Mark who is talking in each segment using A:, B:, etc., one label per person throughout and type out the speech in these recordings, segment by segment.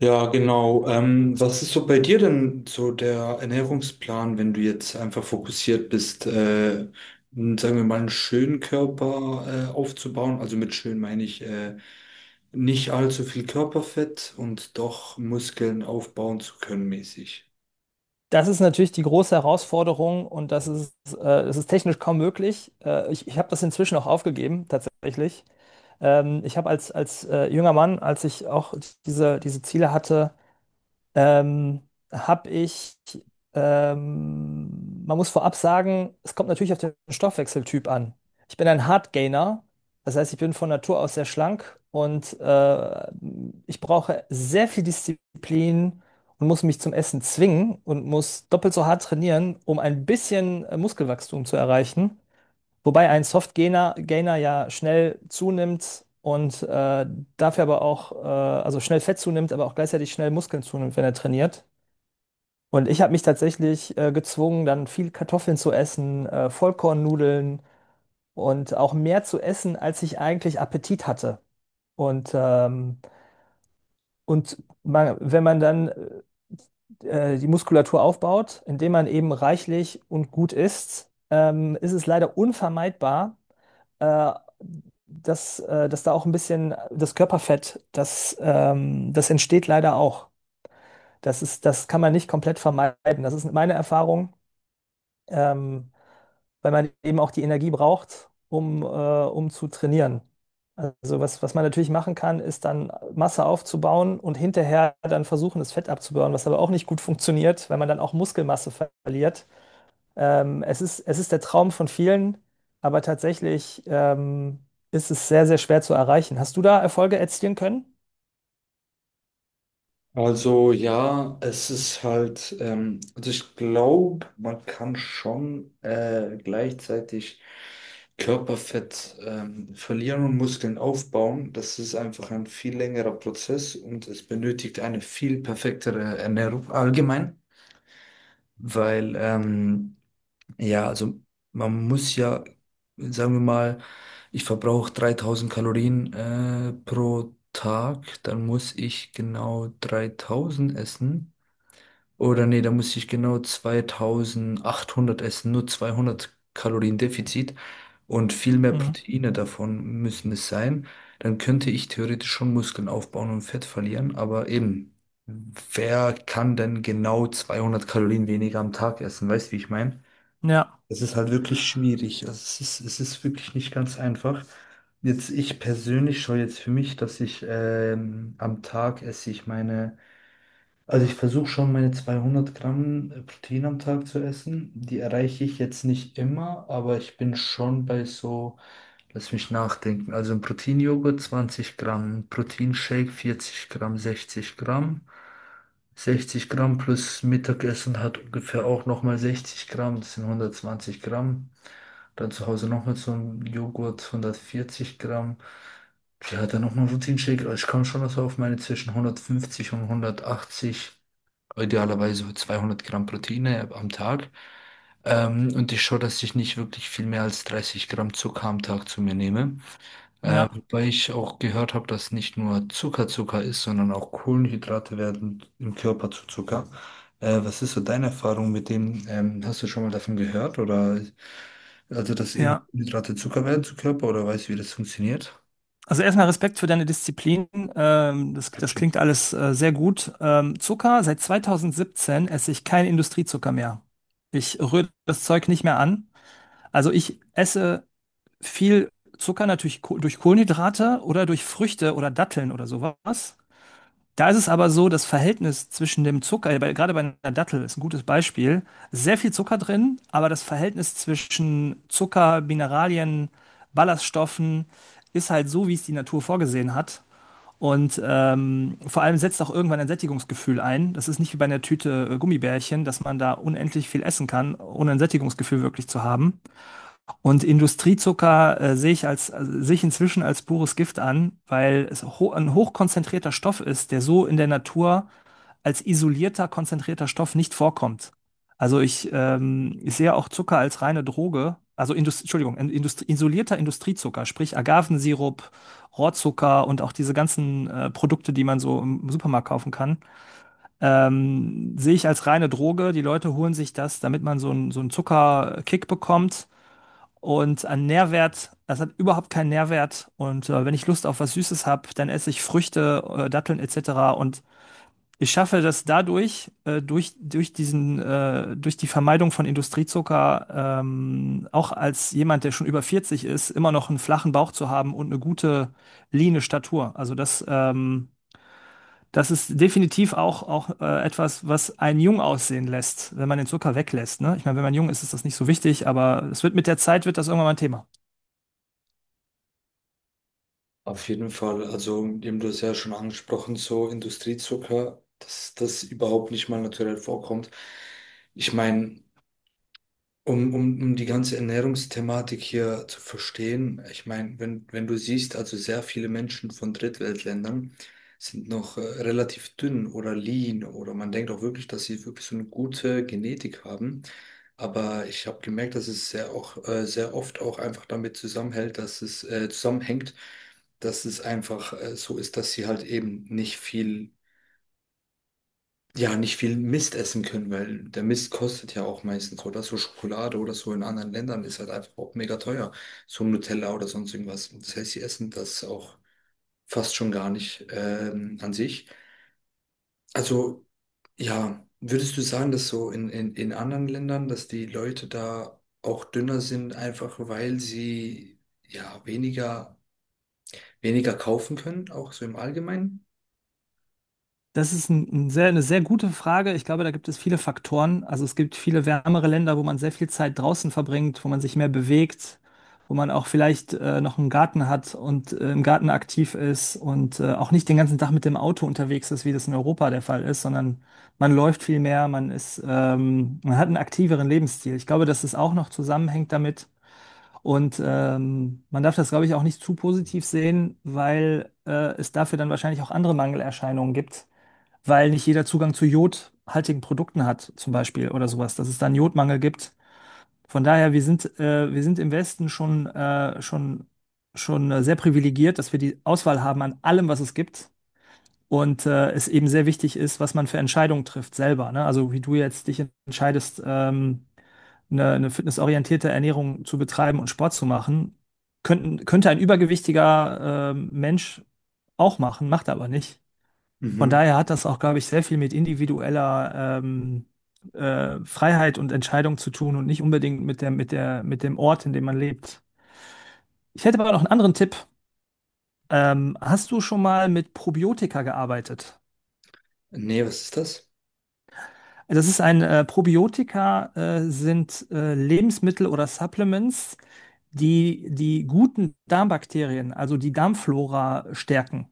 A: Ja, genau. Was ist so bei dir denn so der Ernährungsplan, wenn du jetzt einfach fokussiert bist, sagen wir mal, einen schönen Körper aufzubauen? Also mit schön meine ich nicht allzu viel Körperfett und doch Muskeln aufbauen zu können mäßig.
B: Das ist natürlich die große Herausforderung und das ist, es ist technisch kaum möglich. Ich habe das inzwischen auch aufgegeben, tatsächlich. Ich habe als, als junger Mann, als ich auch diese Ziele hatte, ähm, habe ich, man muss vorab sagen, es kommt natürlich auf den Stoffwechseltyp an. Ich bin ein Hard Gainer, das heißt, ich bin von Natur aus sehr schlank und ich brauche sehr viel Disziplin und muss mich zum Essen zwingen und muss doppelt so hart trainieren, um ein bisschen Muskelwachstum zu erreichen. Wobei ein Soft-Gainer Gainer ja schnell zunimmt und dafür aber auch, also schnell Fett zunimmt, aber auch gleichzeitig schnell Muskeln zunimmt, wenn er trainiert. Und ich habe mich tatsächlich gezwungen, dann viel Kartoffeln zu essen, Vollkornnudeln und auch mehr zu essen, als ich eigentlich Appetit hatte. Und, ähm, und man, wenn man dann die Muskulatur aufbaut, indem man eben reichlich und gut isst, ist es leider unvermeidbar, äh, dass da auch ein bisschen das Körperfett, das entsteht leider auch. Das kann man nicht komplett vermeiden. Das ist meine Erfahrung, ähm, weil man eben auch die Energie braucht, um zu trainieren. Also was man natürlich machen kann, ist dann Masse aufzubauen und hinterher dann versuchen, das Fett abzubauen, was aber auch nicht gut funktioniert, weil man dann auch Muskelmasse verliert. Es ist der Traum von vielen, aber tatsächlich ist es sehr, sehr schwer zu erreichen. Hast du da Erfolge erzielen können?
A: Also ja, es ist halt, also ich glaube, man kann schon gleichzeitig Körperfett verlieren und Muskeln aufbauen. Das ist einfach ein viel längerer Prozess und es benötigt eine viel perfektere Ernährung allgemein, weil ja, also man muss ja, sagen wir mal, ich verbrauche 3000 Kalorien pro Tag, dann muss ich genau 3000 essen. Oder nee, da muss ich genau 2800 essen, nur 200 Kalorien Defizit und viel mehr
B: Mhm.
A: Proteine davon müssen es sein. Dann könnte ich theoretisch schon Muskeln aufbauen und Fett verlieren, aber eben, wer kann denn genau 200 Kalorien weniger am Tag essen? Weißt du, wie ich meine?
B: Ja,
A: Es ist halt wirklich schwierig. Also es ist wirklich nicht ganz einfach. Jetzt, ich persönlich schaue jetzt für mich, dass ich am Tag esse ich meine also ich versuche schon meine 200 Gramm Protein am Tag zu essen. Die erreiche ich jetzt nicht immer, aber ich bin schon bei so, lass mich nachdenken. Also ein Proteinjoghurt 20 Gramm, ein Proteinshake 40 Gramm, 60 Gramm. 60 Gramm plus Mittagessen hat ungefähr auch nochmal 60 Gramm, das sind 120 Gramm. Dann zu Hause nochmal so ein Joghurt 140 Gramm. Ja, dann nochmal ein Proteinshake. Also ich komme schon so auf meine zwischen 150 und 180, idealerweise 200 Gramm Proteine am Tag. Und ich schaue, dass ich nicht wirklich viel mehr als 30 Gramm Zucker am Tag zu mir nehme.
B: ja,
A: Wobei ich auch gehört habe, dass nicht nur Zucker Zucker ist, sondern auch Kohlenhydrate werden im Körper zu Zucker. Was ist so deine Erfahrung mit dem? Hast du schon mal davon gehört? Oder also, dass eben
B: ja.
A: Kohlenhydrate Zucker werden zu Körper oder weißt du, wie das funktioniert?
B: Also erstmal Respekt für deine Disziplin. Das klingt alles sehr gut. Zucker, seit 2017 esse ich keinen Industriezucker mehr. Ich rühre das Zeug nicht mehr an. Also ich esse viel Zucker natürlich ko durch Kohlenhydrate oder durch Früchte oder Datteln oder sowas. Da ist es aber so, das Verhältnis zwischen dem Zucker, gerade bei einer Dattel ist ein gutes Beispiel, sehr viel Zucker drin, aber das Verhältnis zwischen Zucker, Mineralien, Ballaststoffen ist halt so, wie es die Natur vorgesehen hat. Und vor allem setzt auch irgendwann ein Sättigungsgefühl ein. Das ist nicht wie bei einer Tüte Gummibärchen, dass man da unendlich viel essen kann, ohne ein Sättigungsgefühl wirklich zu haben. Und Industriezucker sehe ich also sehe ich inzwischen als pures Gift an, weil es ho ein hochkonzentrierter Stoff ist, der so in der Natur als isolierter, konzentrierter Stoff nicht vorkommt. Also ich sehe auch Zucker als reine Droge, also Indust Entschuldigung, in- Indust isolierter Industriezucker, sprich Agavensirup, Rohrzucker und auch diese ganzen Produkte, die man so im Supermarkt kaufen kann, sehe ich als reine Droge. Die Leute holen sich das, damit man so einen Zuckerkick bekommt. Und an Nährwert, das hat überhaupt keinen Nährwert. Und wenn ich Lust auf was Süßes habe, dann esse ich Früchte, Datteln etc. Und ich schaffe das dadurch, durch durch die Vermeidung von Industriezucker, auch als jemand, der schon über 40 ist, immer noch einen flachen Bauch zu haben und eine gute, leane Statur. Also das ist definitiv auch etwas, was einen jung aussehen lässt, wenn man den Zucker weglässt. Ne? Ich meine, wenn man jung ist, ist das nicht so wichtig, aber es wird mit der Zeit wird das irgendwann mal ein Thema.
A: Auf jeden Fall, also eben du hast ja schon angesprochen, so Industriezucker, dass das überhaupt nicht mal naturell vorkommt. Ich meine, um die ganze Ernährungsthematik hier zu verstehen, ich meine, wenn du siehst, also sehr viele Menschen von Drittweltländern sind noch relativ dünn oder lean oder man denkt auch wirklich, dass sie wirklich so eine gute Genetik haben. Aber ich habe gemerkt, dass es sehr, auch, sehr oft auch einfach damit zusammenhält, dass es zusammenhängt, dass es einfach so ist, dass sie halt eben nicht viel Mist essen können, weil der Mist kostet ja auch meistens, oder? So Schokolade oder so in anderen Ländern ist halt einfach auch mega teuer. So Nutella oder sonst irgendwas. Das heißt, sie essen das auch fast schon gar nicht an sich. Also ja, würdest du sagen, dass so in anderen Ländern, dass die Leute da auch dünner sind, einfach weil sie ja weniger, weniger kaufen können, auch so im Allgemeinen?
B: Das ist eine sehr gute Frage. Ich glaube, da gibt es viele Faktoren. Also es gibt viele wärmere Länder, wo man sehr viel Zeit draußen verbringt, wo man sich mehr bewegt, wo man auch vielleicht noch einen Garten hat und im Garten aktiv ist und auch nicht den ganzen Tag mit dem Auto unterwegs ist, wie das in Europa der Fall ist, sondern man läuft viel mehr, man hat einen aktiveren Lebensstil. Ich glaube, dass es auch noch zusammenhängt damit. Und man darf das, glaube ich, auch nicht zu positiv sehen, weil es dafür dann wahrscheinlich auch andere Mangelerscheinungen gibt, weil nicht jeder Zugang zu jodhaltigen Produkten hat, zum Beispiel oder sowas, dass es da einen Jodmangel gibt. Von daher, wir sind im Westen schon sehr privilegiert, dass wir die Auswahl haben an allem, was es gibt. Und es eben sehr wichtig ist, was man für Entscheidungen trifft selber. Ne? Also wie du jetzt dich entscheidest, eine fitnessorientierte Ernährung zu betreiben und Sport zu machen, könnte ein übergewichtiger Mensch auch machen, macht er aber nicht. Von
A: Mhm.
B: daher hat das auch, glaube ich, sehr viel mit individueller Freiheit und Entscheidung zu tun und nicht unbedingt mit dem Ort, in dem man lebt. Ich hätte aber noch einen anderen Tipp. Hast du schon mal mit Probiotika gearbeitet?
A: Nee, was ist das?
B: Das ist ein Probiotika, sind Lebensmittel oder Supplements, die die guten Darmbakterien, also die Darmflora stärken.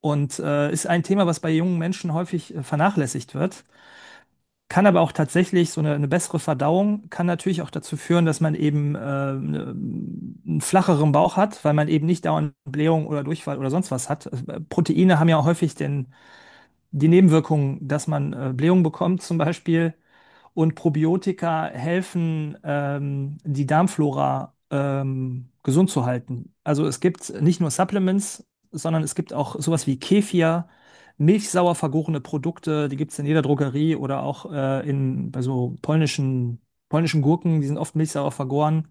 B: Und ist ein Thema, was bei jungen Menschen häufig vernachlässigt wird. Kann aber auch tatsächlich so eine bessere Verdauung kann natürlich auch dazu führen, dass man eben ne- einen flacheren Bauch hat, weil man eben nicht dauernd Blähung oder Durchfall oder sonst was hat. Also, Proteine haben ja häufig die Nebenwirkung, dass man Blähung bekommt zum Beispiel, und Probiotika helfen, die Darmflora gesund zu halten. Also es gibt nicht nur Supplements, sondern es gibt auch sowas wie Kefir, milchsauer vergorene Produkte, die gibt es in jeder Drogerie oder auch bei so polnischen Gurken, die sind oft milchsauer vergoren.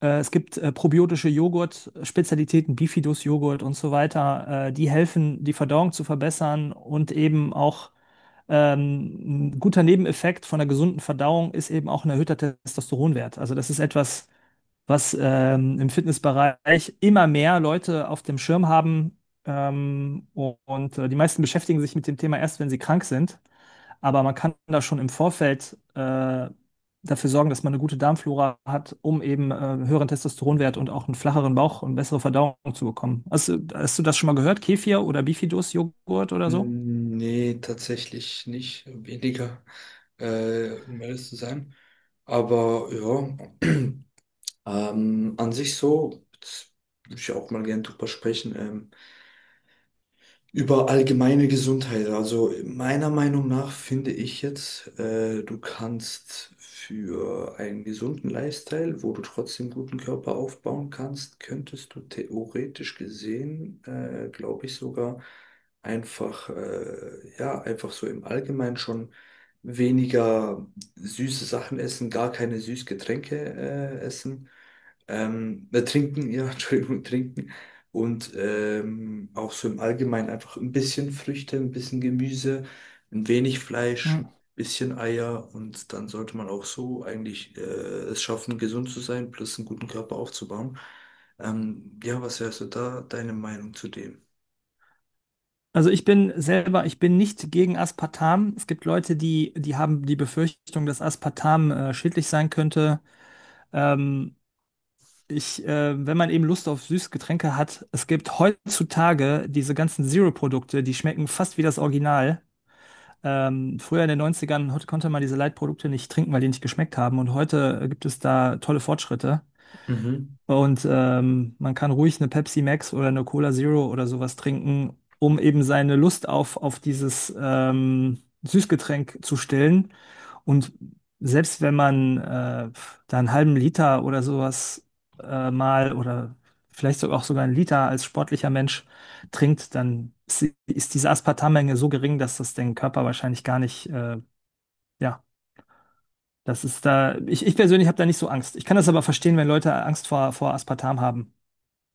B: Es gibt probiotische Joghurt, Spezialitäten, Bifidus-Joghurt und so weiter, die helfen, die Verdauung zu verbessern und eben auch, ein guter Nebeneffekt von einer gesunden Verdauung ist eben auch ein erhöhter Testosteronwert. Also das ist etwas, was im Fitnessbereich immer mehr Leute auf dem Schirm haben. Und die meisten beschäftigen sich mit dem Thema erst, wenn sie krank sind. Aber man kann da schon im Vorfeld dafür sorgen, dass man eine gute Darmflora hat, um eben einen höheren Testosteronwert und auch einen flacheren Bauch und bessere Verdauung zu bekommen. Hast du das schon mal gehört? Kefir oder Bifidus-Joghurt oder so?
A: Hm, nee, tatsächlich nicht. Weniger, um ehrlich zu sein. Aber ja, an sich so, jetzt würde ich auch mal gerne drüber sprechen. Über allgemeine Gesundheit. Also meiner Meinung nach finde ich jetzt, du kannst für einen gesunden Lifestyle, wo du trotzdem guten Körper aufbauen kannst, könntest du theoretisch gesehen, glaube ich sogar, einfach, ja, einfach so im Allgemeinen schon weniger süße Sachen essen, gar keine Süßgetränke, essen. Trinken, ja, Entschuldigung, trinken. Und auch so im Allgemeinen einfach ein bisschen Früchte, ein bisschen Gemüse, ein wenig Fleisch, ein bisschen Eier und dann sollte man auch so eigentlich es schaffen, gesund zu sein, plus einen guten Körper aufzubauen. Ja, was wärst du da, deine Meinung zu dem?
B: Also ich bin nicht gegen Aspartam. Es gibt Leute, die haben die Befürchtung, dass Aspartam schädlich sein könnte. Ähm, Wenn man eben Lust auf Süßgetränke hat, es gibt heutzutage diese ganzen Zero-Produkte, die schmecken fast wie das Original. Früher in den Neunzigern konnte man diese Light-Produkte nicht trinken, weil die nicht geschmeckt haben. Und heute gibt es da tolle Fortschritte.
A: Mhm.
B: Und man kann ruhig eine Pepsi Max oder eine Cola Zero oder sowas trinken, um eben seine Lust auf dieses Süßgetränk zu stillen. Und selbst wenn man da einen halben Liter oder sowas mal oder vielleicht sogar einen Liter als sportlicher Mensch trinkt, dann ist diese Aspartammenge so gering, dass das den Körper wahrscheinlich gar nicht, ja, das ist da, ich persönlich habe da nicht so Angst. Ich kann das aber verstehen, wenn Leute Angst vor Aspartam haben.